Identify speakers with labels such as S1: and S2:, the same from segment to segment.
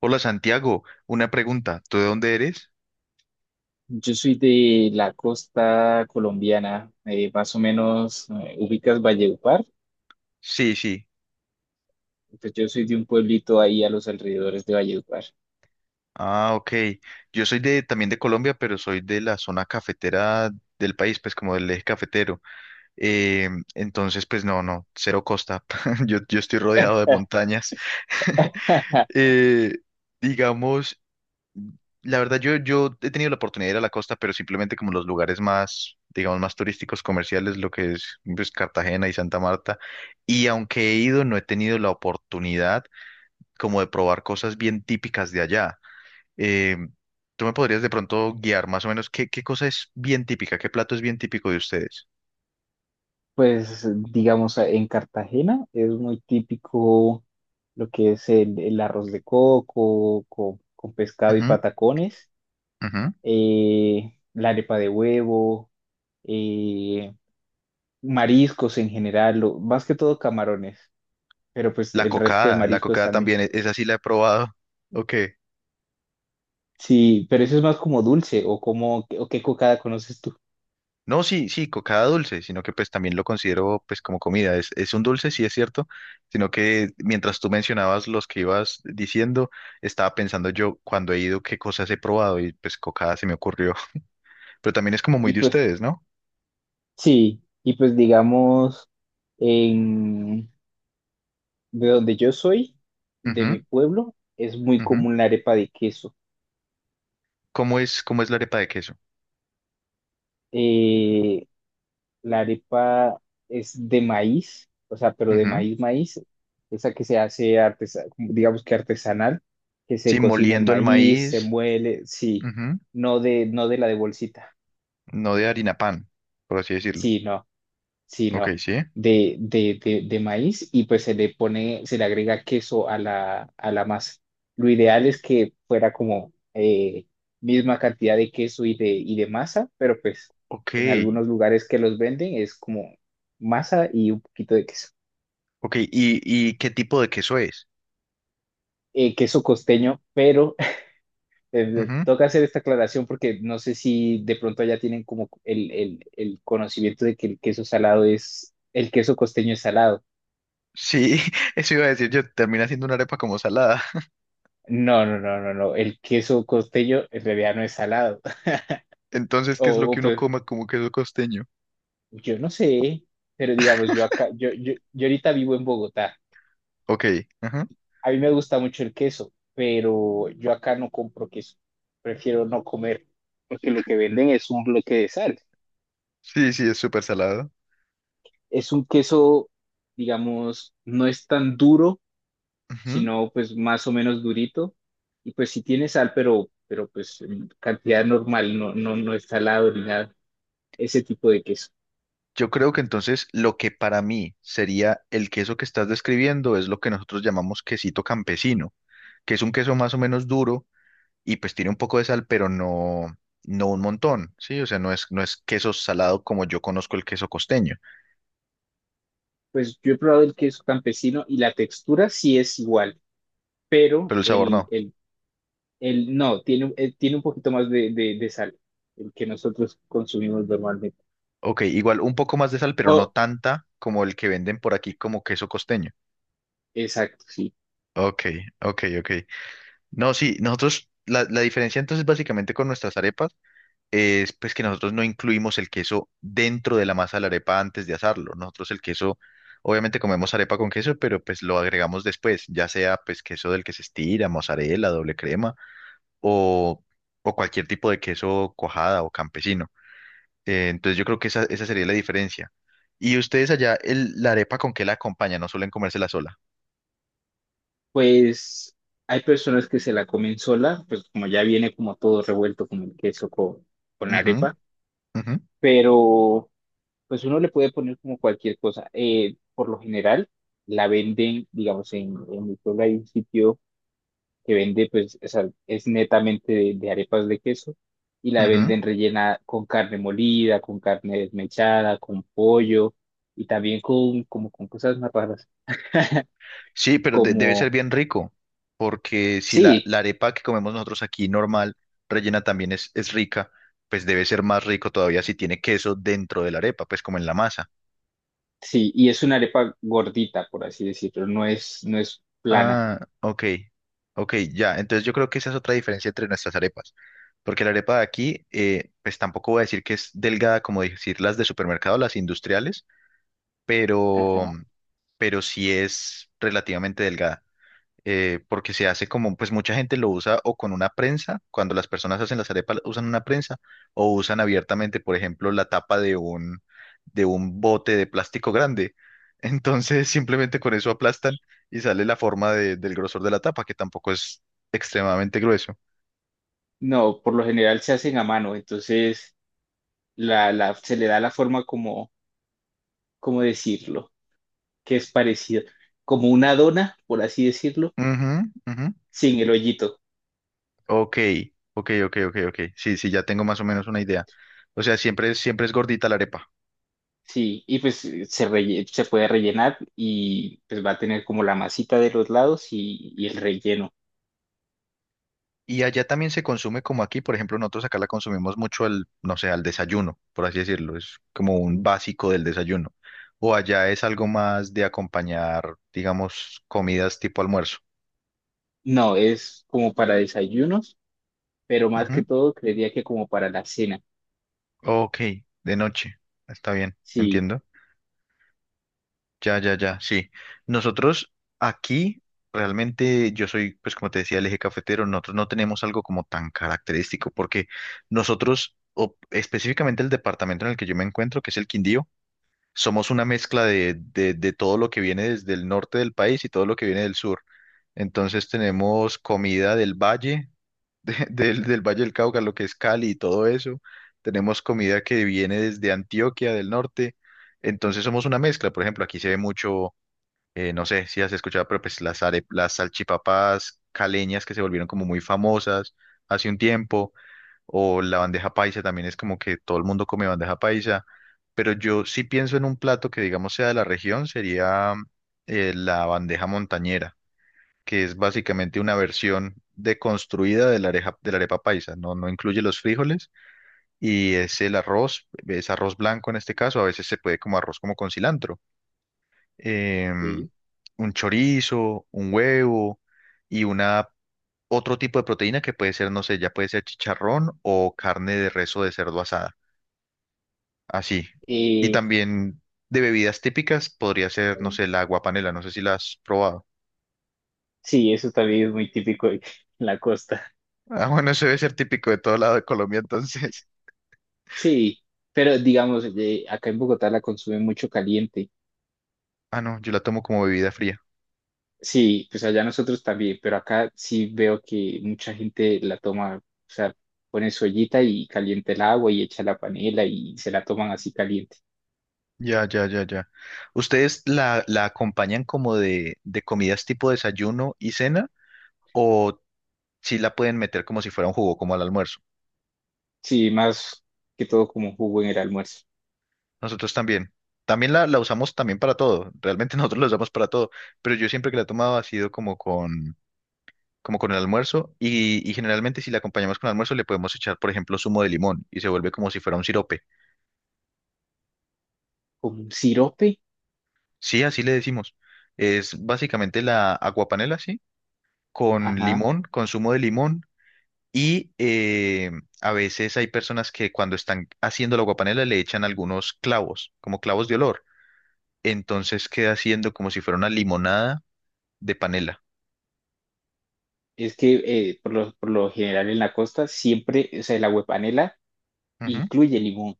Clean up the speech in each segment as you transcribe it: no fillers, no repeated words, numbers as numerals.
S1: Hola Santiago, una pregunta, ¿tú de dónde eres?
S2: Yo soy de la costa colombiana, más o menos, ubicas Valledupar,
S1: Sí, sí.
S2: pues yo soy de un pueblito ahí a los alrededores de Valledupar.
S1: Ah, ok. Yo soy de también de Colombia, pero soy de la zona cafetera del país, pues como del eje cafetero. Eh, entonces, pues no, no, cero costa. Yo estoy rodeado de montañas. Eh, digamos, la verdad, yo he tenido la oportunidad de ir a la costa, pero simplemente como los lugares más, digamos, más turísticos, comerciales, lo que es pues, Cartagena y Santa Marta. Y aunque he ido, no he tenido la oportunidad como de probar cosas bien típicas de allá. Eh, ¿Tú me podrías de pronto guiar más o menos qué cosa es bien típica, qué plato es bien típico de ustedes?
S2: Pues digamos, en Cartagena es muy típico lo que es el arroz de coco con pescado y
S1: Ujú,
S2: patacones,
S1: ujú.
S2: la arepa de huevo, eh, mariscos en general, más que todo camarones, pero pues el resto de
S1: La
S2: mariscos
S1: cocada
S2: también.
S1: también, esa sí la he probado. Ok.
S2: Sí, pero eso es más como dulce o como o qué cocada conoces tú.
S1: No, sí, sí, cocada dulce, sino que pues también lo considero pues como comida. Es un dulce, sí es cierto, sino que mientras tú mencionabas los que ibas diciendo, estaba pensando yo cuando he ido qué cosas he probado y pues cocada se me ocurrió. Pero también es como muy
S2: Y
S1: de
S2: pues
S1: ustedes, ¿no?
S2: sí, y pues digamos en de donde yo soy, de
S1: Ujú,
S2: mi pueblo, es muy
S1: ujú.
S2: común la arepa de queso.
S1: Cómo es la arepa de queso?
S2: Eh, la arepa es de maíz, o sea, pero de
S1: Ujú.
S2: maíz maíz, esa que se hace digamos que artesanal, que se
S1: Sí,
S2: cocina el
S1: moliendo el
S2: maíz, se
S1: maíz,
S2: muele, sí,
S1: ujú.
S2: no de la de bolsita.
S1: No de harina pan, por así decirlo.
S2: Sí, no. Sí,
S1: Ok,
S2: no,
S1: sí.
S2: de maíz y pues se le pone, se le agrega queso a la masa. Lo ideal es que fuera como misma cantidad de queso y de masa, pero pues
S1: Ok,
S2: en algunos lugares que los venden es como masa y un poquito de queso.
S1: ok. Y qué tipo de queso es?
S2: Queso costeño, pero
S1: Ujú.
S2: toca hacer esta aclaración porque no sé si de pronto ya tienen como el conocimiento de que el queso salado es, el queso costeño es salado.
S1: Sí, eso iba a decir yo, termina siendo una arepa como salada.
S2: No, no, no, no, no. El queso costeño en realidad no es salado.
S1: Entonces, ¿qué es lo
S2: O, o,
S1: que uno
S2: pues,
S1: coma como queso costeño?
S2: yo no sé, pero digamos, yo acá, yo ahorita vivo en Bogotá.
S1: Ok, ajá.
S2: A mí me gusta mucho el queso, pero yo acá no compro queso. Prefiero no comer, porque lo que venden es un bloque de sal.
S1: Sí, sí, es súper salado.
S2: Es un queso, digamos, no es tan duro,
S1: Ujú.
S2: sino pues más o menos durito. Y pues sí tiene sal, pero pues en cantidad normal, no es salado ni nada. Ese tipo de queso.
S1: Yo creo que entonces lo que para mí sería el queso que estás describiendo es lo que nosotros llamamos quesito campesino, que es un queso más o menos duro y pues tiene un poco de sal, pero no, no un montón, ¿sí? O sea, no es, no es queso salado como yo conozco el queso costeño,
S2: Pues yo he probado el queso campesino y la textura sí es igual, pero
S1: pero el sabor no.
S2: el no, tiene, tiene un poquito más de sal, el que nosotros consumimos normalmente.
S1: Ok, igual un poco más de sal, pero no
S2: Oh,
S1: tanta como el que venden por aquí como queso costeño.
S2: exacto, sí.
S1: Ok, ok, ok. No, sí, nosotros, la diferencia entonces básicamente con nuestras arepas es pues que nosotros no incluimos el queso dentro de la masa de la arepa antes de asarlo. Nosotros el queso, obviamente comemos arepa con queso, pero pues lo agregamos después, ya sea pues queso del que se estira, mozzarella, doble crema o, o cualquier tipo de queso cuajada o campesino. Entonces yo creo que esa sería la diferencia. Y ustedes allá, la arepa con qué la acompañan, no suelen comérsela sola.
S2: Pues hay personas que se la comen sola, pues como ya viene como todo revuelto con el queso, con la
S1: Ujú,
S2: arepa,
S1: ujú,
S2: pero pues uno le puede poner como cualquier cosa. Por lo general, la venden, digamos, en mi pueblo hay un sitio que vende, pues, o sea, es netamente de arepas de queso y la
S1: ujú.
S2: venden rellena con carne molida, con carne desmechada, con pollo y también con, como, con cosas más raras,
S1: Sí, pero debe ser
S2: como,
S1: bien rico, porque si la,
S2: sí,
S1: la arepa que comemos nosotros aquí normal, rellena también es rica, pues debe ser más rico todavía si tiene queso dentro de la arepa, pues como en la masa.
S2: sí, y es una arepa gordita, por así decirlo, no es, no es plana.
S1: Ah, ok, ok, ya. Entonces yo creo que esa es otra diferencia entre nuestras arepas, porque la arepa de aquí, pues tampoco voy a decir que es delgada como decir las de supermercado, las industriales, pero,
S2: Ajá.
S1: pero sí es relativamente delgada porque se hace como, pues mucha gente lo usa o con una prensa, cuando las personas hacen las arepas usan una prensa, o usan abiertamente, por ejemplo, la tapa de un bote de plástico grande. Entonces simplemente con eso aplastan y sale la forma del grosor de la tapa, que tampoco es extremadamente grueso.
S2: No, por lo general se hacen a mano, entonces se le da la forma como, ¿cómo decirlo? Que es parecido, como una dona, por así decirlo,
S1: Ujú, ujú.
S2: sin el hoyito.
S1: Ok, ok, ok, ok, ok. Sí, sí, ya tengo más o menos una idea. O sea, siempre, siempre es gordita la arepa.
S2: Sí, y pues se puede rellenar y pues va a tener como la masita de los lados y el relleno.
S1: Y allá también se consume como aquí, por ejemplo, nosotros acá la consumimos mucho al, no sé, al desayuno, por así decirlo, es como un básico del desayuno. O allá es algo más de acompañar, digamos, comidas tipo almuerzo.
S2: No, es como para desayunos, pero más que
S1: Ujú.
S2: todo creería que como para la cena.
S1: Ok, de noche, está bien,
S2: Sí,
S1: entiendo. Ya, ya, ya, sí. Nosotros aquí, realmente, yo soy, pues como te decía, el eje cafetero, nosotros no tenemos algo como tan característico, porque nosotros, o específicamente el departamento en el que yo me encuentro, que es el Quindío, somos una mezcla de todo lo que viene desde el norte del país y todo lo que viene del sur. Entonces tenemos comida del valle, del, del Valle del Cauca, lo que es Cali y todo eso. Tenemos comida que viene desde Antioquia del norte. Entonces somos una mezcla. Por ejemplo, aquí se ve mucho, no sé si has escuchado, pero pues las, las salchipapas caleñas que se volvieron como muy famosas hace un tiempo. O la bandeja paisa también es como que todo el mundo come bandeja paisa. Pero yo sí pienso en un plato que, digamos, sea de la región, sería la bandeja montañera, que es básicamente una versión deconstruida de la de la arepa paisa. No, no incluye los frijoles y es el arroz, es arroz blanco en este caso, a veces se puede como arroz como con cilantro. Em,
S2: sí.
S1: un chorizo, un huevo y una, otro tipo de proteína que puede ser, no sé, ya puede ser chicharrón o carne de res o de cerdo asada. Así. Y
S2: eh,
S1: también de bebidas típicas podría ser, no sé, la aguapanela, no sé si la has probado.
S2: sí, eso también es muy típico en la costa.
S1: Ah, bueno, eso debe ser típico de todo lado de Colombia, entonces.
S2: Sí, pero digamos, acá en Bogotá la consumen mucho caliente.
S1: Ah, no, yo la tomo como bebida fría.
S2: Sí, pues allá nosotros también, pero acá sí veo que mucha gente la toma, o sea, pone su ollita y calienta el agua y echa la panela y se la toman así caliente.
S1: Ya, ya, ya, ya. ¿Ustedes la, la acompañan como de comidas tipo desayuno y cena? ¿O si la pueden meter como si fuera un jugo, como al almuerzo?
S2: Sí, más que todo como jugo en el almuerzo.
S1: Nosotros también. También la usamos también para todo. Realmente nosotros la usamos para todo. Pero yo siempre que la he tomado ha sido como con el almuerzo y generalmente si la acompañamos con almuerzo le podemos echar, por ejemplo, zumo de limón y se vuelve como si fuera un sirope.
S2: Como un sirope,
S1: Sí, así le decimos. Es básicamente la aguapanela, sí, con
S2: ajá.
S1: limón, con zumo de limón y a veces hay personas que cuando están haciendo la aguapanela le echan algunos clavos, como clavos de olor. Entonces queda haciendo como si fuera una limonada de panela.
S2: Es que por lo general en la costa siempre, o sea, el agüepanela
S1: Ujú.
S2: incluye limón.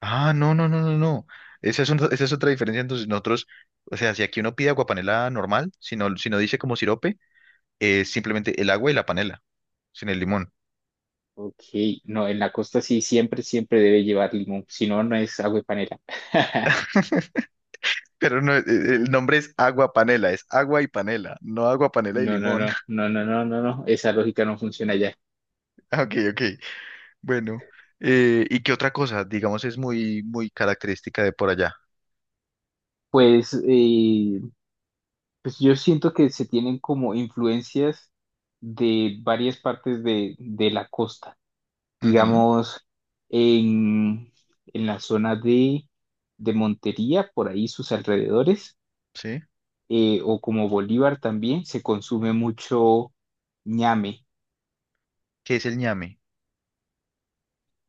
S1: Ah, no, no, no, no, no. Esa es, esa es otra diferencia. Entonces, nosotros, o sea, si aquí uno pide aguapanela normal, si no, si no dice como sirope, es simplemente el agua y la panela, sin el limón.
S2: Ok, no, en la costa sí siempre, siempre debe llevar limón, si no, no es agüepanela.
S1: Pero no, el nombre es agua panela, es agua y panela, no agua panela y
S2: No, no,
S1: limón.
S2: no, no, no, no, no, no, esa lógica no funciona allá.
S1: Ah, Ok, ok. Bueno, ¿y qué otra cosa? Digamos, es muy, muy característica de por allá.
S2: Pues, pues yo siento que se tienen como influencias de varias partes de la costa.
S1: Ujú,
S2: Digamos, en, en la zona de Montería, por ahí sus alrededores,
S1: sí.
S2: o como Bolívar también, se consume mucho ñame.
S1: ¿Qué es el ñame?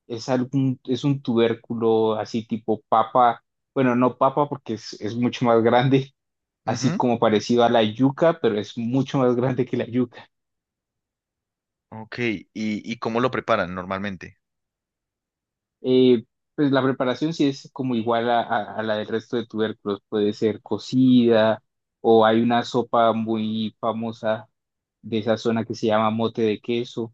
S2: Es algún, es un tubérculo así tipo papa, bueno, no papa porque es mucho más grande, así
S1: Ujú,
S2: como parecido a la yuca, pero es mucho más grande que la yuca.
S1: Ok, ¿Y, y cómo lo preparan normalmente?
S2: Eh, pues la preparación sí es como igual a, a la del resto de tubérculos, puede ser cocida o hay una sopa muy famosa de esa zona que se llama mote de queso,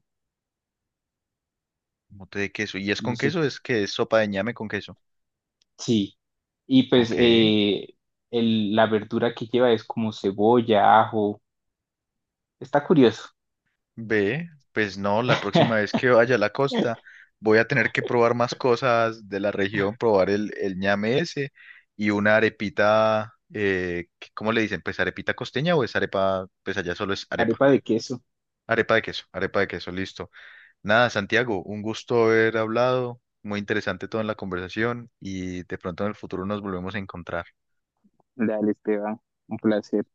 S1: Mote de queso. ¿Y es
S2: no
S1: con
S2: sé,
S1: queso? ¿Es que es sopa de ñame con queso?
S2: sí. Y pues
S1: Ok,
S2: la verdura que lleva es como cebolla, ajo, está curioso.
S1: ve, pues no, la próxima vez que vaya a la costa voy a tener que probar más cosas de la región, probar el ñame ese y una arepita, ¿cómo le dicen? Pues arepita costeña o es arepa, pues allá solo es arepa,
S2: Arepa de queso.
S1: arepa de queso, listo. Nada, Santiago, un gusto haber hablado, muy interesante toda la conversación y de pronto en el futuro nos volvemos a encontrar.
S2: Dale, Esteban, un placer.